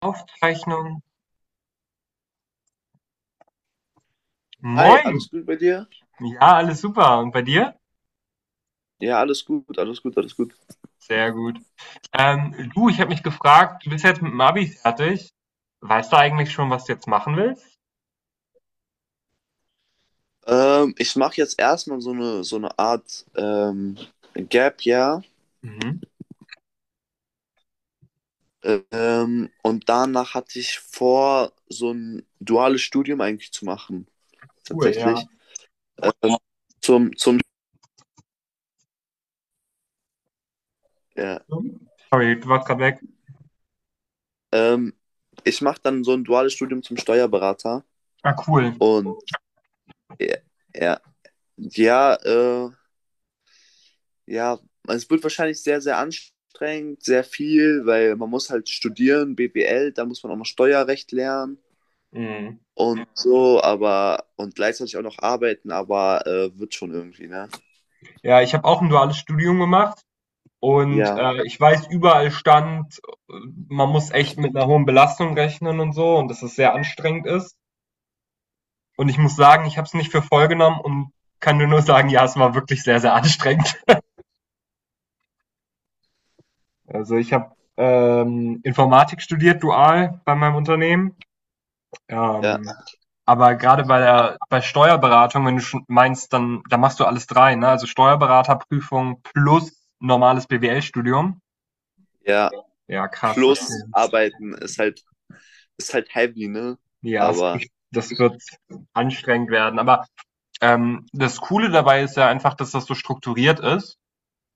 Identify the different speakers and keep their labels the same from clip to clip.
Speaker 1: Aufzeichnung.
Speaker 2: Hi,
Speaker 1: Moin.
Speaker 2: alles gut bei dir?
Speaker 1: Ja, alles super. Und bei dir?
Speaker 2: Ja, alles gut, alles gut, alles gut.
Speaker 1: Sehr gut. Du, ich habe mich gefragt, du bist jetzt mit dem Abi fertig. Weißt du eigentlich schon, was du jetzt machen willst?
Speaker 2: Ich mache jetzt erstmal so eine Art Gap ja.
Speaker 1: Mhm.
Speaker 2: Und danach hatte ich vor, so ein duales Studium eigentlich zu machen,
Speaker 1: Cool, ja.
Speaker 2: tatsächlich. Ähm, zum, zum, ja,
Speaker 1: Sorry, du warst gerade weg.
Speaker 2: ähm, Ich mache dann so ein duales Studium zum Steuerberater.
Speaker 1: Ah, cool.
Speaker 2: Und ja, ja, ja, äh, Ja, also es wird wahrscheinlich sehr, sehr anstrengend, sehr viel, weil man muss halt studieren, BWL, da muss man auch noch Steuerrecht lernen
Speaker 1: Mhm.
Speaker 2: und so, aber und gleichzeitig auch noch arbeiten, aber wird schon irgendwie, ne?
Speaker 1: Ja, ich habe auch ein duales Studium gemacht und
Speaker 2: Ja,
Speaker 1: ich weiß, überall stand, äh, man muss echt mit einer hohen Belastung rechnen und so und dass es sehr anstrengend ist. Und ich muss sagen, ich habe es nicht für voll genommen und kann dir nur sagen, ja, es war wirklich sehr, sehr anstrengend. Also ich habe Informatik studiert, dual bei meinem Unternehmen.
Speaker 2: ja,
Speaker 1: Ähm, aber gerade bei Steuerberatung, wenn du schon meinst, dann machst du alles drei, ne? Also Steuerberaterprüfung plus normales BWL-Studium.
Speaker 2: ja.
Speaker 1: Ja, krass.
Speaker 2: Plus arbeiten ist halt heavy, ne?
Speaker 1: Ja,
Speaker 2: Aber
Speaker 1: das wird anstrengend werden. Aber das Coole dabei ist ja einfach, dass das so strukturiert ist.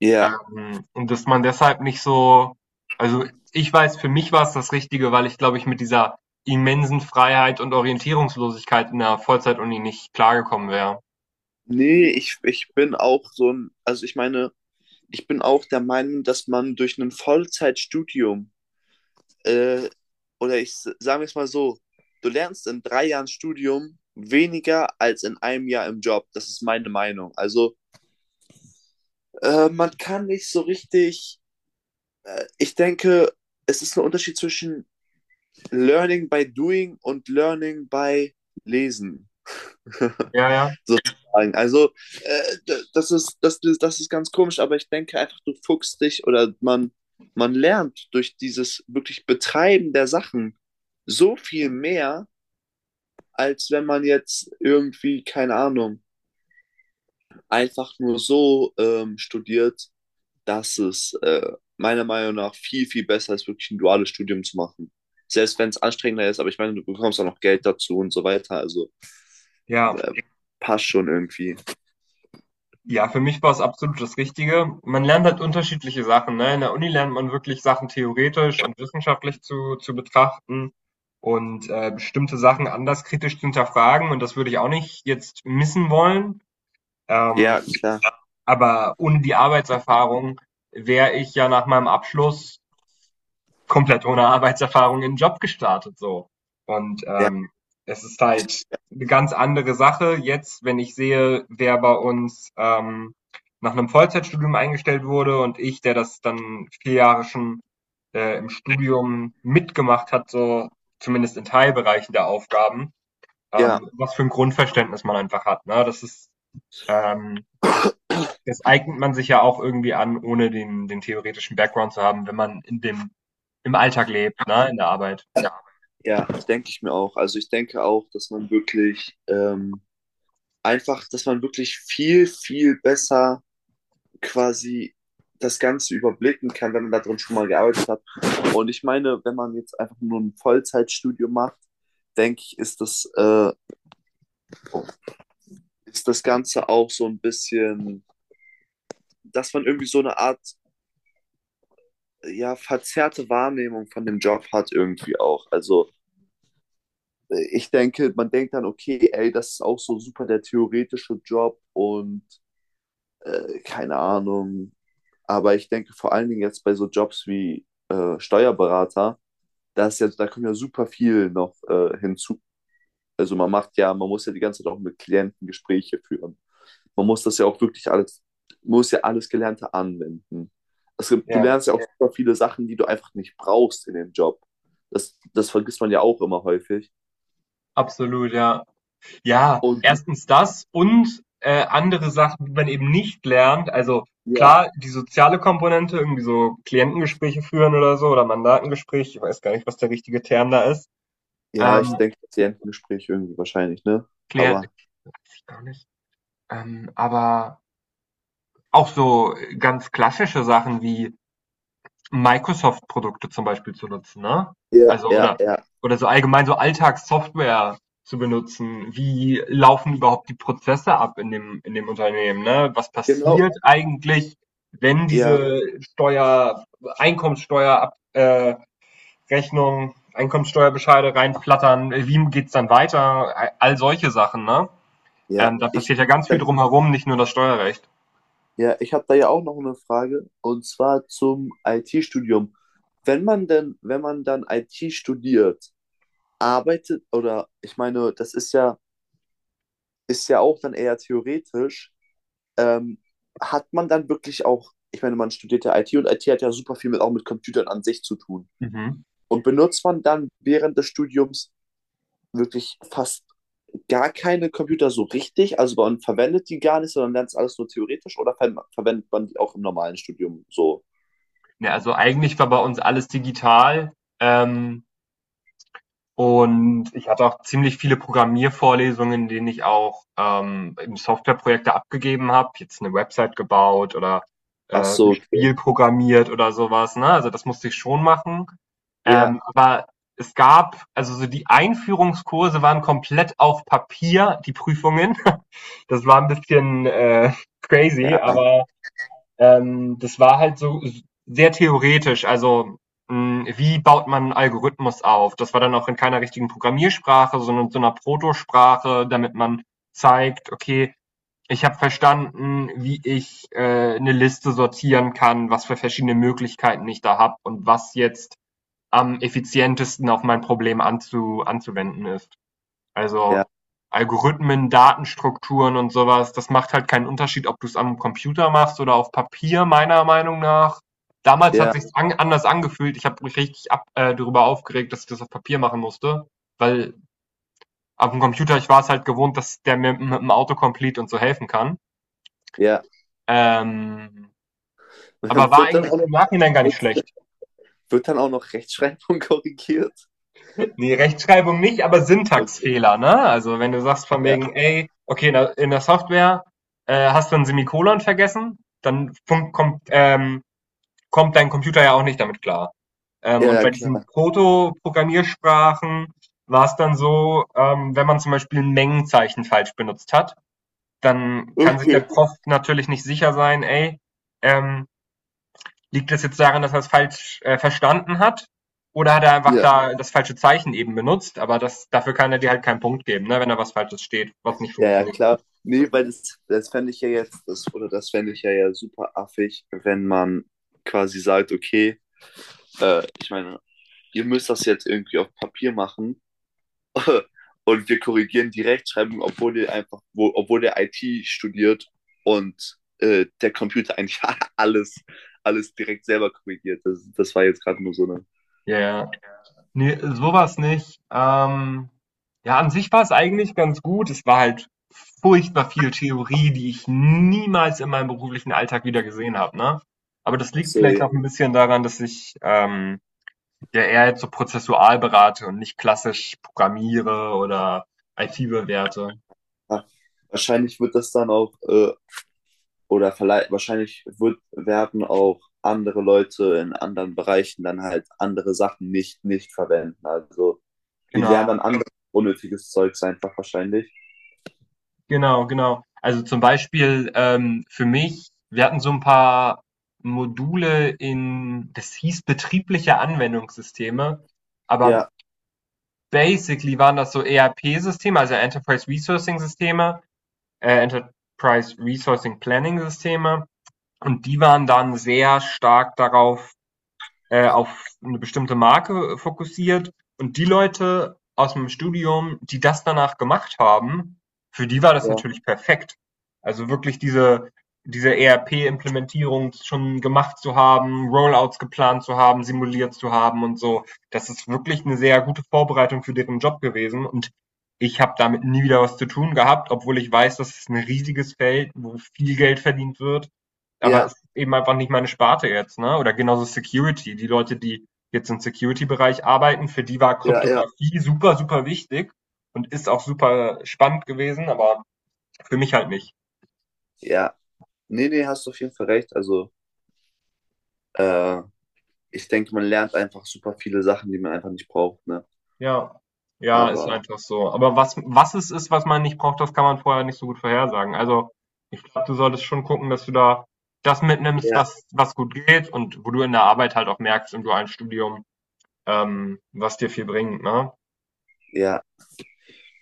Speaker 2: ja,
Speaker 1: Und dass man deshalb nicht so, also ich weiß, für mich war es das Richtige, weil ich glaube, ich mit dieser immensen Freiheit und Orientierungslosigkeit in der Vollzeituni nicht klargekommen wäre.
Speaker 2: nee, ich bin auch so ein, also ich meine, ich bin auch der Meinung, dass man durch ein Vollzeitstudium äh, oder ich sage es mal so, du lernst in drei Jahren Studium weniger als in einem Jahr im Job. Das ist meine Meinung. Also man kann nicht so richtig, ich denke, es ist ein Unterschied zwischen Learning by Doing und Learning by Lesen.
Speaker 1: Ja, ja.
Speaker 2: Sozusagen. Also äh, das ist ganz komisch, aber ich denke einfach, du fuchst dich man lernt durch dieses wirklich Betreiben der Sachen so viel mehr, als wenn man jetzt irgendwie, keine Ahnung, einfach nur so studiert, dass es meiner Meinung nach viel, viel besser ist, wirklich ein duales Studium zu machen. Selbst wenn es anstrengender ist, aber ich meine, du bekommst auch noch Geld dazu und so weiter. Also
Speaker 1: Ja,
Speaker 2: äh, passt schon irgendwie.
Speaker 1: ja, für mich war es absolut das Richtige. Man lernt halt unterschiedliche Sachen. Ne? In der Uni lernt man wirklich Sachen theoretisch und wissenschaftlich zu betrachten und bestimmte Sachen anders kritisch zu hinterfragen. Und das würde ich auch nicht jetzt missen wollen.
Speaker 2: Ja,
Speaker 1: Ähm,
Speaker 2: klar.
Speaker 1: Aber ohne die Arbeitserfahrung wäre ich ja nach meinem Abschluss komplett ohne Arbeitserfahrung in den Job gestartet so. Und
Speaker 2: Ja,
Speaker 1: es ist
Speaker 2: ich,
Speaker 1: halt eine ganz andere Sache. Jetzt, wenn ich sehe, wer bei uns nach einem Vollzeitstudium eingestellt wurde, und ich, der das dann vier Jahre schon im Studium mitgemacht hat, so zumindest in Teilbereichen der Aufgaben,
Speaker 2: ja,
Speaker 1: was für ein Grundverständnis man einfach hat. Ne? Das ist ähm, das eignet man sich ja auch irgendwie an, ohne den theoretischen Background zu haben, wenn man im Alltag lebt, ne, in der Arbeit.
Speaker 2: ja, das denke ich mir auch. Also ich denke auch, dass man wirklich dass man wirklich viel, viel besser quasi das Ganze überblicken kann, wenn man da drin schon mal gearbeitet hat. Und ich meine, wenn man jetzt einfach nur ein Vollzeitstudium macht, denke ich, ist ist das Ganze auch so ein bisschen, dass man irgendwie so eine Art, ja, verzerrte Wahrnehmung von dem Job hat irgendwie auch. Also ich denke, man denkt dann, okay, ey, das ist auch so super der theoretische Job und keine Ahnung. Aber ich denke vor allen Dingen jetzt bei so Jobs wie Steuerberater, das ist ja, da kommt ja super viel noch hinzu. Also man muss ja die ganze Zeit auch mit Klienten Gespräche führen. Man muss das ja auch wirklich muss ja alles Gelernte anwenden. Du
Speaker 1: Ja,
Speaker 2: lernst ja auch super viele Sachen, die du einfach nicht brauchst in dem Job. Das vergisst man ja auch immer häufig.
Speaker 1: absolut, ja. Ja,
Speaker 2: Und du,
Speaker 1: erstens das und andere Sachen, die man eben nicht lernt. Also
Speaker 2: ja,
Speaker 1: klar, die soziale Komponente, irgendwie so Klientengespräche führen oder so oder Mandatengespräch, ich weiß gar nicht, was der richtige Term da ist.
Speaker 2: ja, ich
Speaker 1: Ähm,
Speaker 2: denke, Klientengespräch irgendwie wahrscheinlich, ne?
Speaker 1: Klient,
Speaker 2: Aber
Speaker 1: weiß ich gar nicht. Aber auch so ganz klassische Sachen wie Microsoft-Produkte zum Beispiel zu nutzen, ne?
Speaker 2: ja,
Speaker 1: Also
Speaker 2: ja,
Speaker 1: oder
Speaker 2: ja,
Speaker 1: oder so allgemein so Alltagssoftware zu benutzen. Wie laufen überhaupt die Prozesse ab in dem Unternehmen, ne? Was
Speaker 2: genau,
Speaker 1: passiert eigentlich, wenn
Speaker 2: ja,
Speaker 1: diese Steuer Einkommenssteuer ab Rechnung, Einkommenssteuerbescheide reinflattern? Wie geht's dann weiter? All solche Sachen, ne?
Speaker 2: ja.
Speaker 1: Da passiert ja ganz viel drumherum, nicht nur das Steuerrecht.
Speaker 2: Ja, ich habe da ja auch noch eine Frage und zwar zum IT-Studium. Wenn man dann IT studiert, arbeitet oder ich meine, das ist ja auch dann eher theoretisch, ähm, hat man dann wirklich auch, ich meine, man studiert ja IT und IT hat ja super viel mit, auch mit Computern an sich zu tun.
Speaker 1: Mhm.
Speaker 2: Und benutzt man dann während des Studiums wirklich fast gar keine Computer so richtig? Also man verwendet die gar nicht, sondern lernt es alles nur theoretisch oder verwendet man die auch im normalen Studium so?
Speaker 1: Ja, also eigentlich war bei uns alles digital. Ähm, Und ich hatte auch ziemlich viele Programmiervorlesungen, in denen ich auch Softwareprojekte abgegeben habe, jetzt eine Website gebaut oder
Speaker 2: Ach
Speaker 1: ein
Speaker 2: so, okay.
Speaker 1: Spiel programmiert oder sowas. Ne? Also das musste ich schon machen.
Speaker 2: Ja,
Speaker 1: Aber es gab, also so die Einführungskurse waren komplett auf Papier, die Prüfungen. Das war ein bisschen crazy,
Speaker 2: ja,
Speaker 1: aber das war halt so sehr theoretisch. Also, wie baut man einen Algorithmus auf? Das war dann auch in keiner richtigen Programmiersprache, sondern in so 'ner Protosprache, damit man zeigt: „Okay, ich habe verstanden, wie ich 'ne Liste sortieren kann, was für verschiedene Möglichkeiten ich da habe und was jetzt am effizientesten auf mein Problem anzuwenden ist.“
Speaker 2: ja,
Speaker 1: Also Algorithmen, Datenstrukturen und sowas, das macht halt keinen Unterschied, ob du es am Computer machst oder auf Papier, meiner Meinung nach. Damals hat
Speaker 2: ja,
Speaker 1: sich's an anders angefühlt. Ich habe mich richtig ab darüber aufgeregt, dass ich das auf Papier machen musste, weil auf dem Computer ich war es halt gewohnt, dass der mir mit'm Autocomplete und so helfen kann.
Speaker 2: ja.
Speaker 1: Ähm, aber war
Speaker 2: Wird dann
Speaker 1: eigentlich
Speaker 2: auch noch,
Speaker 1: im Nachhinein gar nicht
Speaker 2: wird,
Speaker 1: schlecht.
Speaker 2: wird dann auch noch Rechtschreibung korrigiert?
Speaker 1: Nee, Rechtschreibung nicht, aber
Speaker 2: Okay,
Speaker 1: Syntaxfehler, ne? Also wenn du sagst von
Speaker 2: ja,
Speaker 1: wegen, ey, okay, in der Software hast du ein Semikolon vergessen, dann kommt dein Computer ja auch nicht damit klar.
Speaker 2: ja,
Speaker 1: Und
Speaker 2: ja,
Speaker 1: bei diesen
Speaker 2: klar.
Speaker 1: Proto-Programmiersprachen war es dann so, wenn man zum Beispiel ein Mengenzeichen falsch benutzt hat, dann kann sich der Prof natürlich nicht sicher sein, ey, ähm, liegt das jetzt daran, dass er es falsch verstanden hat? Oder hat er einfach
Speaker 2: Ja,
Speaker 1: da das falsche Zeichen eben benutzt? Aber dafür kann er dir halt keinen Punkt geben, ne? Wenn da was Falsches steht, was nicht
Speaker 2: ja, ja,
Speaker 1: funktioniert.
Speaker 2: klar. Nee, weil das fände ich ja jetzt, oder das fände ich ja, ja super affig, wenn man quasi sagt, okay, ich meine, ihr müsst das jetzt irgendwie auf Papier machen. Und wir korrigieren die Rechtschreibung, obwohl der obwohl der IT studiert und der Computer eigentlich alles, alles direkt selber korrigiert. Das war jetzt gerade nur so eine.
Speaker 1: Ja, ja. Nee, sowas nicht. Ja, an sich war es eigentlich ganz gut. Es war halt furchtbar viel Theorie, die ich niemals in meinem beruflichen Alltag wieder gesehen habe. Ne? Aber das
Speaker 2: Ach
Speaker 1: liegt
Speaker 2: so,
Speaker 1: vielleicht
Speaker 2: ja.
Speaker 1: auch ein bisschen daran, dass ich ja eher jetzt so prozessual berate und nicht klassisch programmiere oder IT bewerte.
Speaker 2: Ah, wahrscheinlich wird das dann auch, wahrscheinlich werden auch andere Leute in anderen Bereichen dann halt andere Sachen nicht verwenden. Also die lernen
Speaker 1: Genau,
Speaker 2: dann anderes unnötiges Zeugs einfach wahrscheinlich.
Speaker 1: genau, genau. Also zum Beispiel für mich, wir hatten so ein paar Module das hieß betriebliche Anwendungssysteme, aber
Speaker 2: Ja,
Speaker 1: basically waren das so ERP-Systeme, also Enterprise Resourcing Systeme, Enterprise Resourcing Planning Systeme, und die waren dann sehr stark darauf auf eine bestimmte Marke fokussiert. Und die Leute aus dem Studium, die das danach gemacht haben, für die war das
Speaker 2: ja,
Speaker 1: natürlich perfekt. Also wirklich diese ERP-Implementierung schon gemacht zu haben, Rollouts geplant zu haben, simuliert zu haben und so. Das ist wirklich eine sehr gute Vorbereitung für deren Job gewesen. Und ich habe damit nie wieder was zu tun gehabt, obwohl ich weiß, dass es ein riesiges Feld, wo viel Geld verdient wird, aber
Speaker 2: ja,
Speaker 1: es ist eben einfach nicht meine Sparte jetzt, ne? Oder genauso Security. Die Leute, die jetzt im Security-Bereich arbeiten, für die war
Speaker 2: ja, ja,
Speaker 1: Kryptographie super, super wichtig und ist auch super spannend gewesen, aber für mich halt nicht.
Speaker 2: ja. Nee, nee, hast du auf jeden Fall recht. Also, äh, ich denke, man lernt einfach super viele Sachen, die man einfach nicht braucht, ne?
Speaker 1: Ja. Ja, ist
Speaker 2: Aber
Speaker 1: einfach so. Aber was es ist, was man nicht braucht, das kann man vorher nicht so gut vorhersagen. Also, ich glaube, du solltest schon gucken, dass du da das mitnimmst,
Speaker 2: ja,
Speaker 1: was gut geht und wo du in der Arbeit halt auch merkst im dualen Studium, was dir viel bringt, ne?
Speaker 2: ja.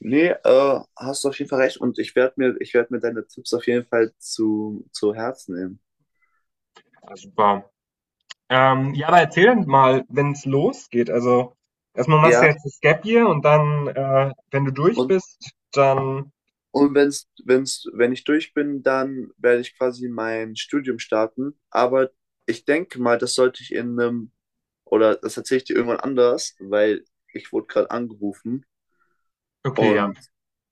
Speaker 2: Nee, hast du auf jeden Fall recht. Und ich werde mir deine Tipps auf jeden Fall zu Herzen nehmen.
Speaker 1: Also, super. Ja, aber erzähl dann mal, wenn's losgeht. Also erstmal machst du
Speaker 2: Ja,
Speaker 1: jetzt das Gap Year und dann, wenn du durch
Speaker 2: und,
Speaker 1: bist, dann
Speaker 2: und wenn ich durch bin, dann werde ich quasi mein Studium starten. Aber ich denke mal, das sollte ich in einem, oder das erzähle ich dir irgendwann anders, weil ich wurde gerade angerufen.
Speaker 1: okay, ja,
Speaker 2: Und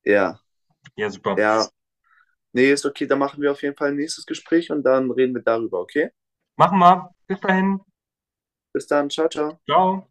Speaker 2: ja,
Speaker 1: ja super.
Speaker 2: ja. Nee, ist okay, dann machen wir auf jeden Fall ein nächstes Gespräch und dann reden wir darüber, okay?
Speaker 1: Machen wir. Bis dahin.
Speaker 2: Bis dann, ciao, ciao.
Speaker 1: Ciao.